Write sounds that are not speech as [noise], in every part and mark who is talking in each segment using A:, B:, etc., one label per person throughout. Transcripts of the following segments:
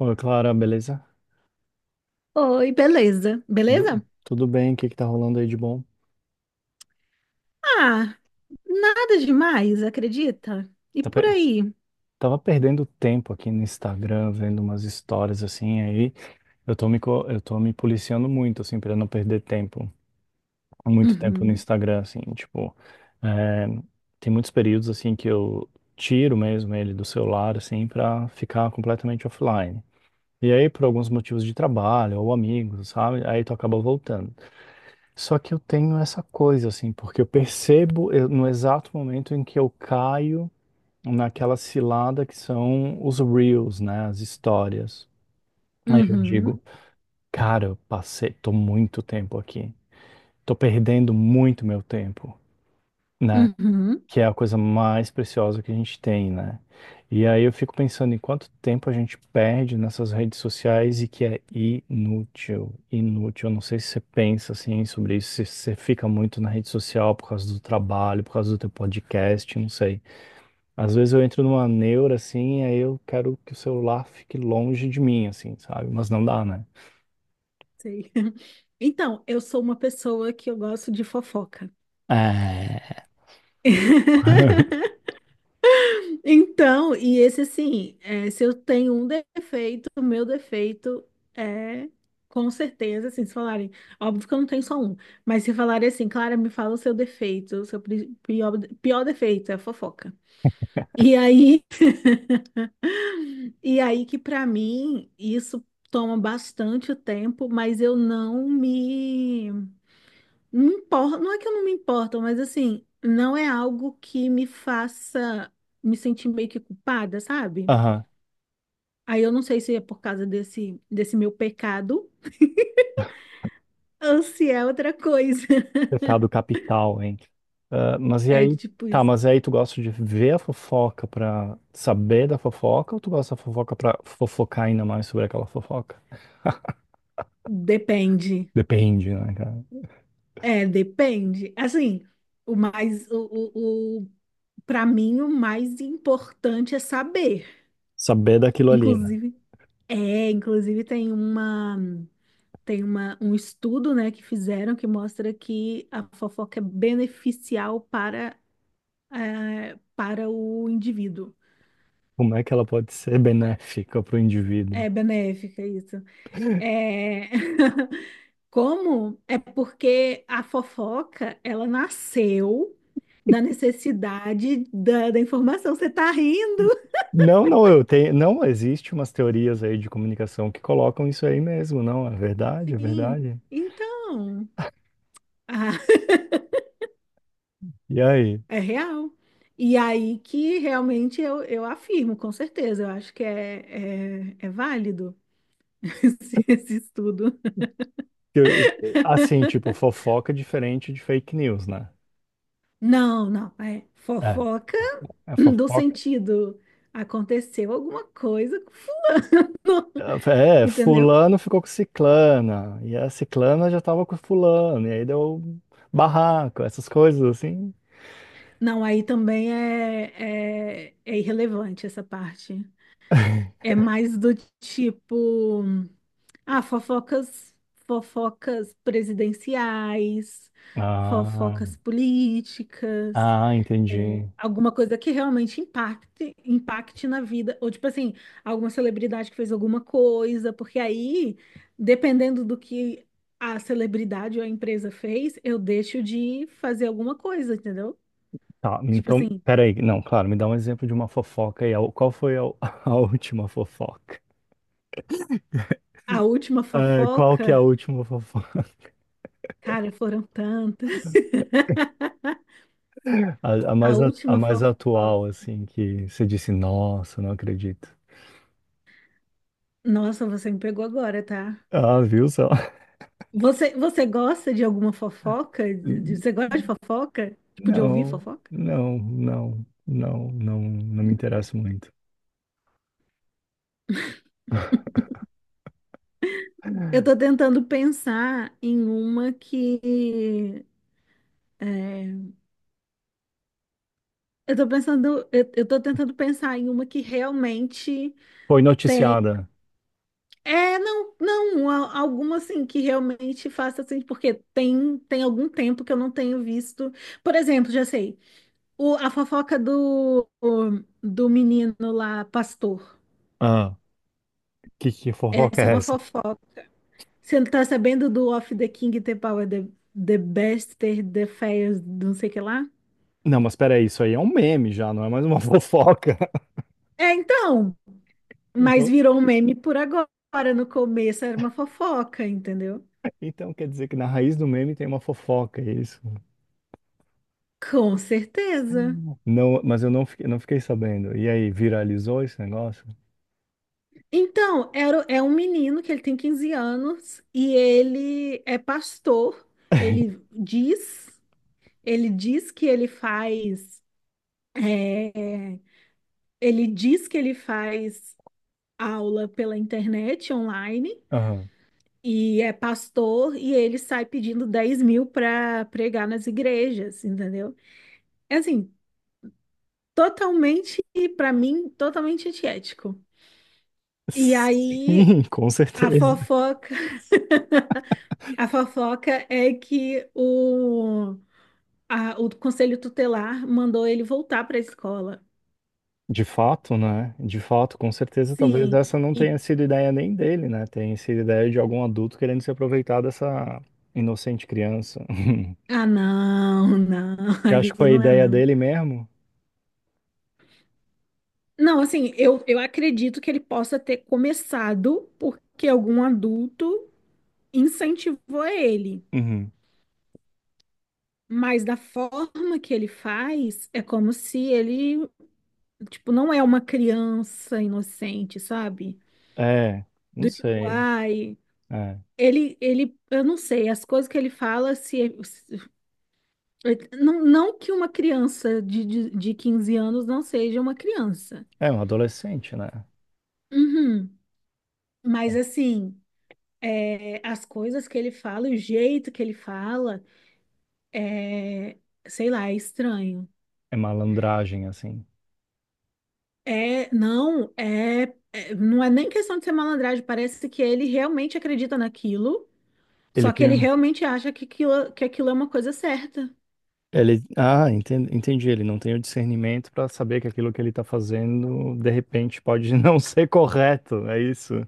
A: Oi, Clara, beleza?
B: Oi, beleza? Beleza?
A: Tudo, tudo bem? O que que tá rolando aí de bom?
B: Ah, nada demais, acredita? E
A: Tá
B: por
A: pe-
B: aí?
A: Tava perdendo tempo aqui no Instagram, vendo umas histórias assim, aí eu tô me policiando muito, assim, pra não perder tempo, muito tempo no
B: Uhum,
A: Instagram, assim, tipo, é, tem muitos períodos, assim, que eu tiro mesmo ele do celular, assim, pra ficar completamente offline. E aí, por alguns motivos de trabalho ou amigos, sabe? Aí tu acaba voltando. Só que eu tenho essa coisa, assim, porque eu percebo no exato momento em que eu caio naquela cilada que são os reels, né? As histórias. Aí eu
B: uhum,
A: digo, cara, tô muito tempo aqui. Tô perdendo muito meu tempo, né,
B: uhum,
A: que é a coisa mais preciosa que a gente tem, né? E aí eu fico pensando em quanto tempo a gente perde nessas redes sociais e que é inútil, inútil. Eu não sei se você pensa assim sobre isso, se você fica muito na rede social por causa do trabalho, por causa do teu podcast, não sei. Às vezes eu entro numa neura assim, aí eu quero que o celular fique longe de mim, assim, sabe? Mas não dá, né?
B: sei. [laughs] Então, eu sou uma pessoa que eu gosto de fofoca.
A: É. [laughs]
B: [laughs] Então, e esse assim, é, se eu tenho um defeito, o meu defeito é, com certeza, assim, se falarem, óbvio que eu não tenho só um, mas se falarem assim, Clara, me fala o seu defeito, o seu pior defeito, é fofoca. E aí. E aí que para mim isso toma bastante tempo, mas eu não me não importo, não é que eu não me importo, mas assim, não é algo que me faça me sentir meio que culpada, sabe?
A: Aham.
B: Aí eu não sei se é por causa desse meu pecado ou se é outra coisa. [laughs]
A: Pecado capital, hein? Ah, mas e
B: É
A: aí,
B: tipo
A: tá,
B: isso.
A: mas aí tu gosta de ver a fofoca pra saber da fofoca ou tu gosta da fofoca pra fofocar ainda mais sobre aquela fofoca?
B: Depende.
A: Depende, né, cara?
B: É, depende. Assim, o mais o para mim o mais importante é saber,
A: Saber daquilo ali, né?
B: inclusive. É, inclusive tem uma, um estudo, né, que fizeram que mostra que a fofoca é beneficial para, para o indivíduo.
A: Como é que ela pode ser benéfica pro indivíduo?
B: É benéfica, isso. É... [laughs] Como? É porque a fofoca, ela nasceu da necessidade da informação. Você tá rindo?
A: Não, não, não existe umas teorias aí de comunicação que colocam isso aí mesmo, não, é verdade, é
B: Sim.
A: verdade.
B: Então, [laughs] ah,
A: E aí?
B: é real. E aí que realmente eu afirmo, com certeza. Eu acho que é válido [laughs] esse estudo.
A: Eu- Assim, tipo, fofoca é diferente de fake news, né?
B: Não, não. É
A: É.
B: fofoca
A: É
B: [clears throat] do
A: fofoca.
B: sentido. Aconteceu alguma coisa,
A: É,
B: entendeu?
A: fulano ficou com ciclana, e a ciclana já tava com fulano, e aí deu barraco, essas coisas assim.
B: Não, aí também é irrelevante essa parte. É mais do tipo, ah, fofocas, fofocas presidenciais,
A: Ah,
B: fofocas políticas.
A: ah,
B: É,
A: entendi.
B: alguma coisa que realmente impacte, impacte na vida, ou tipo assim, alguma celebridade que fez alguma coisa, porque aí, dependendo do que a celebridade ou a empresa fez, eu deixo de fazer alguma coisa, entendeu?
A: Tá,
B: Tipo
A: então,
B: assim,
A: peraí, não, claro, me dá um exemplo de uma fofoca aí. Qual foi a, [laughs] a última fofoca?
B: a última
A: É, qual que é a
B: fofoca,
A: última fofoca? [laughs]
B: cara, foram tantas.
A: A, a
B: [laughs] A
A: mais, a, a
B: última
A: mais
B: fofoca.
A: atual, assim, que você disse, nossa, não acredito.
B: Nossa, você me pegou agora, tá?
A: Ah, viu só? [laughs]
B: Você gosta de alguma fofoca?
A: Não,
B: Você gosta de fofoca? Tipo, de ouvir
A: não,
B: fofoca?
A: não, não, não, não me interessa muito.
B: Eu tô tentando pensar em uma que. É, eu tô pensando, eu tô tentando pensar em uma que realmente
A: Foi
B: tem.
A: noticiada.
B: É, não, não, alguma assim que realmente faça assim, porque tem algum tempo que eu não tenho visto. Por exemplo, já sei, a fofoca do menino lá, pastor.
A: Ah, que fofoca
B: Essa é
A: é
B: uma
A: essa?
B: fofoca. Você não tá sabendo do Off the King, the Power, the Bester, the Fair, não sei o que lá?
A: Não, mas peraí, isso aí é um meme já, não é mais uma [laughs] fofoca.
B: É, então. Mas
A: Então,
B: virou um meme por agora. No começo era uma fofoca, entendeu?
A: então quer dizer que na raiz do meme tem uma fofoca, é isso?
B: Com certeza.
A: Não, mas eu não fiquei sabendo. E aí, viralizou esse negócio?
B: Então, é um menino que ele tem 15 anos e ele é pastor. Ele diz, ele diz que ele faz, é, Ele diz que ele faz aula pela internet online
A: Aham.
B: e é pastor e ele sai pedindo 10 mil para pregar nas igrejas, entendeu? É assim, totalmente, pra mim, totalmente antiético. E aí
A: Sim, com
B: a
A: certeza.
B: fofoca, a fofoca é que o conselho tutelar mandou ele voltar pra escola.
A: De fato, né? De fato, com certeza, talvez
B: Sim.
A: essa não
B: E
A: tenha sido ideia nem dele, né? Tenha sido ideia de algum adulto querendo se aproveitar dessa inocente criança. [laughs]
B: ah, não, não, [laughs]
A: Eu acho
B: ali
A: que foi a
B: não é,
A: ideia
B: não.
A: dele mesmo?
B: Não, assim, eu acredito que ele possa ter começado porque algum adulto incentivou ele.
A: Uhum.
B: Mas da forma que ele faz, é como se ele. Tipo, não é uma criança inocente, sabe?
A: É, não
B: Do tipo,
A: sei.
B: ai.
A: É,
B: Eu não sei, as coisas que ele fala, não, não que uma criança de 15 anos não seja uma criança.
A: é um adolescente, né?
B: Uhum. Mas assim, é, as coisas que ele fala, e o jeito que ele fala, é, sei lá, é estranho.
A: É malandragem, assim.
B: É, não, não é nem questão de ser malandragem, parece que ele realmente acredita naquilo.
A: Ele
B: Só que
A: tem.
B: ele
A: Um,
B: realmente acha que aquilo é uma coisa certa.
A: Ele, ah, enten- entendi. Ele não tem o discernimento para saber que aquilo que ele tá fazendo, de repente, pode [laughs] não ser correto. É isso.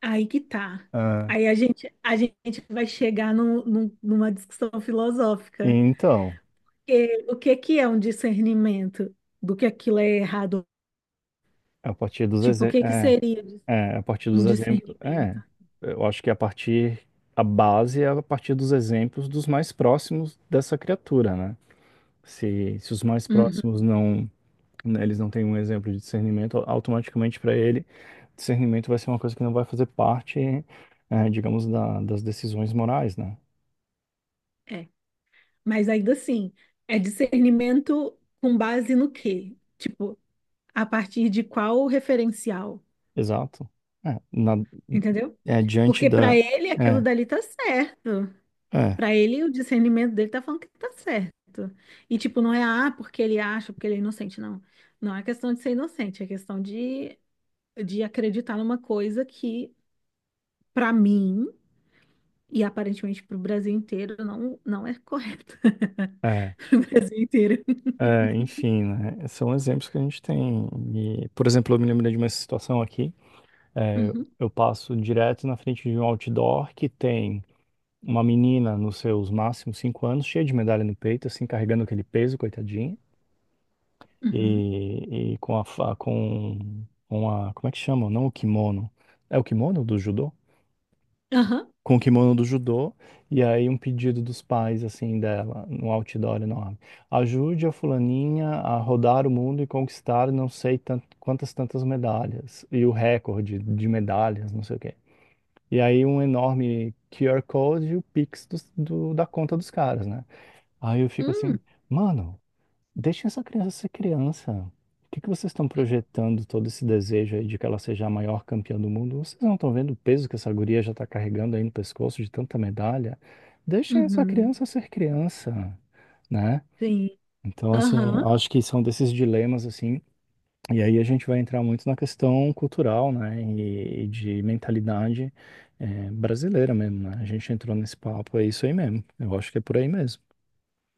B: Aí que tá.
A: Ah,
B: Aí a gente vai chegar numa discussão
A: e
B: filosófica.
A: então,
B: Que, o que que é um discernimento do que aquilo é errado?
A: a partir dos
B: Tipo, o
A: exemplos.
B: que que
A: É,
B: seria
A: é, a partir
B: um
A: dos exemplos. É,
B: discernimento?
A: eu acho que a partir. A base é a partir dos exemplos dos mais próximos dessa criatura, né? Se os mais
B: Uhum,
A: próximos não, né, eles não têm um exemplo de discernimento, automaticamente para ele, discernimento vai ser uma coisa que não vai fazer parte, digamos, das decisões morais, né?
B: é. Mas ainda assim, é discernimento com base no quê? Tipo, a partir de qual referencial?
A: Exato. É, na,
B: Entendeu?
A: diante
B: Porque para
A: da.
B: ele aquilo
A: É,
B: dali tá certo.
A: é,
B: Pra ele, o discernimento dele tá falando que tá certo. E, tipo, não é, ah, porque ele acha, porque ele é inocente, não. Não é questão de ser inocente, é questão de acreditar numa coisa que, pra mim, e aparentemente pro Brasil inteiro, não, não é correta. [laughs]
A: é,
B: Pro Brasil inteiro.
A: enfim, né? São exemplos que a gente tem. E, por exemplo, eu me lembrei de uma situação aqui. é,
B: Uhum,
A: eu passo direto na frente de um outdoor que tem uma menina nos seus máximos 5 anos, cheia de medalha no peito, assim, carregando aquele peso, coitadinha.
B: uhum.
A: e, e com a, fa- com, como é que chama? Não o kimono. É o kimono do judô?
B: Aham.
A: Com o kimono do judô, e aí um pedido dos pais, assim, dela, num outdoor enorme. Ajude a fulaninha a rodar o mundo e conquistar não sei tant- quantas tantas medalhas, e o recorde de medalhas, não sei o quê. E aí um enorme QR Code e o Pix da conta dos caras, né? Aí eu fico assim,
B: Hum,
A: mano, deixem essa criança ser criança. O que que vocês estão projetando todo esse desejo aí de que ela seja a maior campeã do mundo? Vocês não estão vendo o peso que essa guria já está carregando aí no pescoço de tanta medalha? Deixem essa
B: uhum.
A: criança ser criança, né?
B: Sim.
A: Então, assim, eu
B: Aham.
A: acho que são desses dilemas, assim, e aí a gente vai entrar muito na questão cultural, né, e de mentalidade, brasileira mesmo, né? A gente entrou nesse papo, é isso aí mesmo. Eu acho que é por aí mesmo.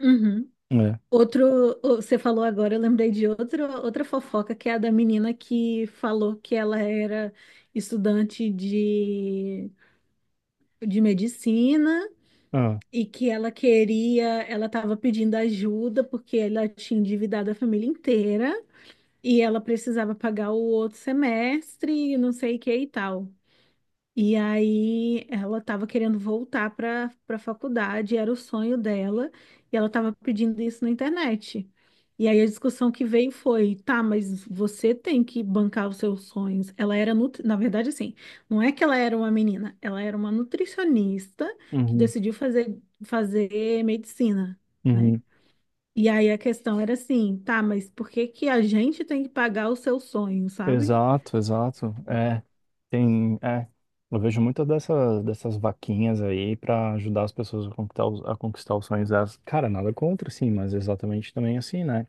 B: Uhum.
A: É.
B: Outro, você falou agora, eu lembrei de outro, outra fofoca, que é a da menina que falou que ela era estudante de medicina
A: Ah.
B: e que ela queria, ela estava pedindo ajuda porque ela tinha endividado a família inteira e ela precisava pagar o outro semestre e não sei o que e tal. E aí ela estava querendo voltar para a faculdade, era o sonho dela, e ela estava pedindo isso na internet. E aí a discussão que veio foi, tá, mas você tem que bancar os seus sonhos. Ela era, nutri... na verdade, assim, não é que ela era uma menina, ela era uma nutricionista que
A: Uhum.
B: decidiu fazer, medicina, né?
A: Uhum.
B: E aí a questão era assim, tá, mas por que que a gente tem que pagar o seu sonho, sabe?
A: Exato, exato. É, tem, eu vejo muitas dessas, dessas vaquinhas aí para ajudar as pessoas a conquistar a conquistar os sonhos delas. Cara, nada contra, sim, mas exatamente também assim, né?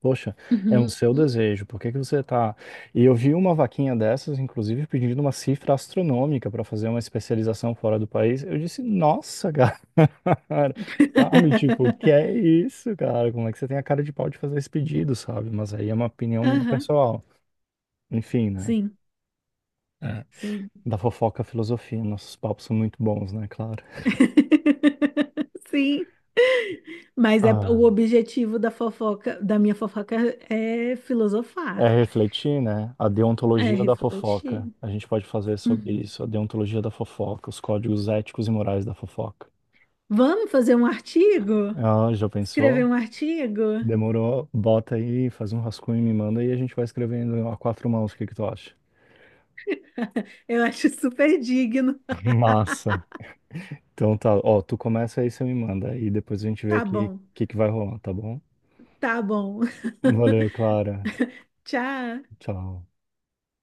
A: Poxa, é um
B: Uhum.
A: seu desejo, por que que você tá... E eu vi uma vaquinha dessas, inclusive, pedindo uma cifra astronômica para fazer uma especialização fora do país. Eu disse, nossa, cara, [laughs] sabe? Tipo, que é
B: [laughs]
A: isso, cara? Como é que você tem a cara de pau de fazer esse pedido, sabe? Mas aí é uma opinião minha
B: Aham.
A: pessoal. Enfim, né?
B: Sim,
A: É.
B: sim.
A: Da fofoca à filosofia. Nossos papos são muito bons, né? Claro.
B: [laughs] Sim. Mas é
A: Ah,
B: o objetivo da fofoca, da minha fofoca é
A: é
B: filosofar,
A: refletir, né? A
B: é
A: deontologia da fofoca.
B: refletir.
A: A gente pode fazer sobre
B: Uhum.
A: isso. A deontologia da fofoca. Os códigos éticos e morais da fofoca.
B: Vamos fazer um artigo?
A: Ah, já
B: Escrever
A: pensou?
B: um artigo?
A: Demorou? Bota aí, faz um rascunho e me manda e a gente vai escrevendo a quatro mãos. O que que tu acha?
B: [laughs] Eu acho super digno.
A: [laughs] Massa. Então tá. Ó, tu começa aí, você me manda. E depois a gente vê o
B: Tá
A: que,
B: bom,
A: que vai rolar, tá bom?
B: tá bom. [laughs]
A: Valeu, Clara.
B: Tchau.
A: Tchau.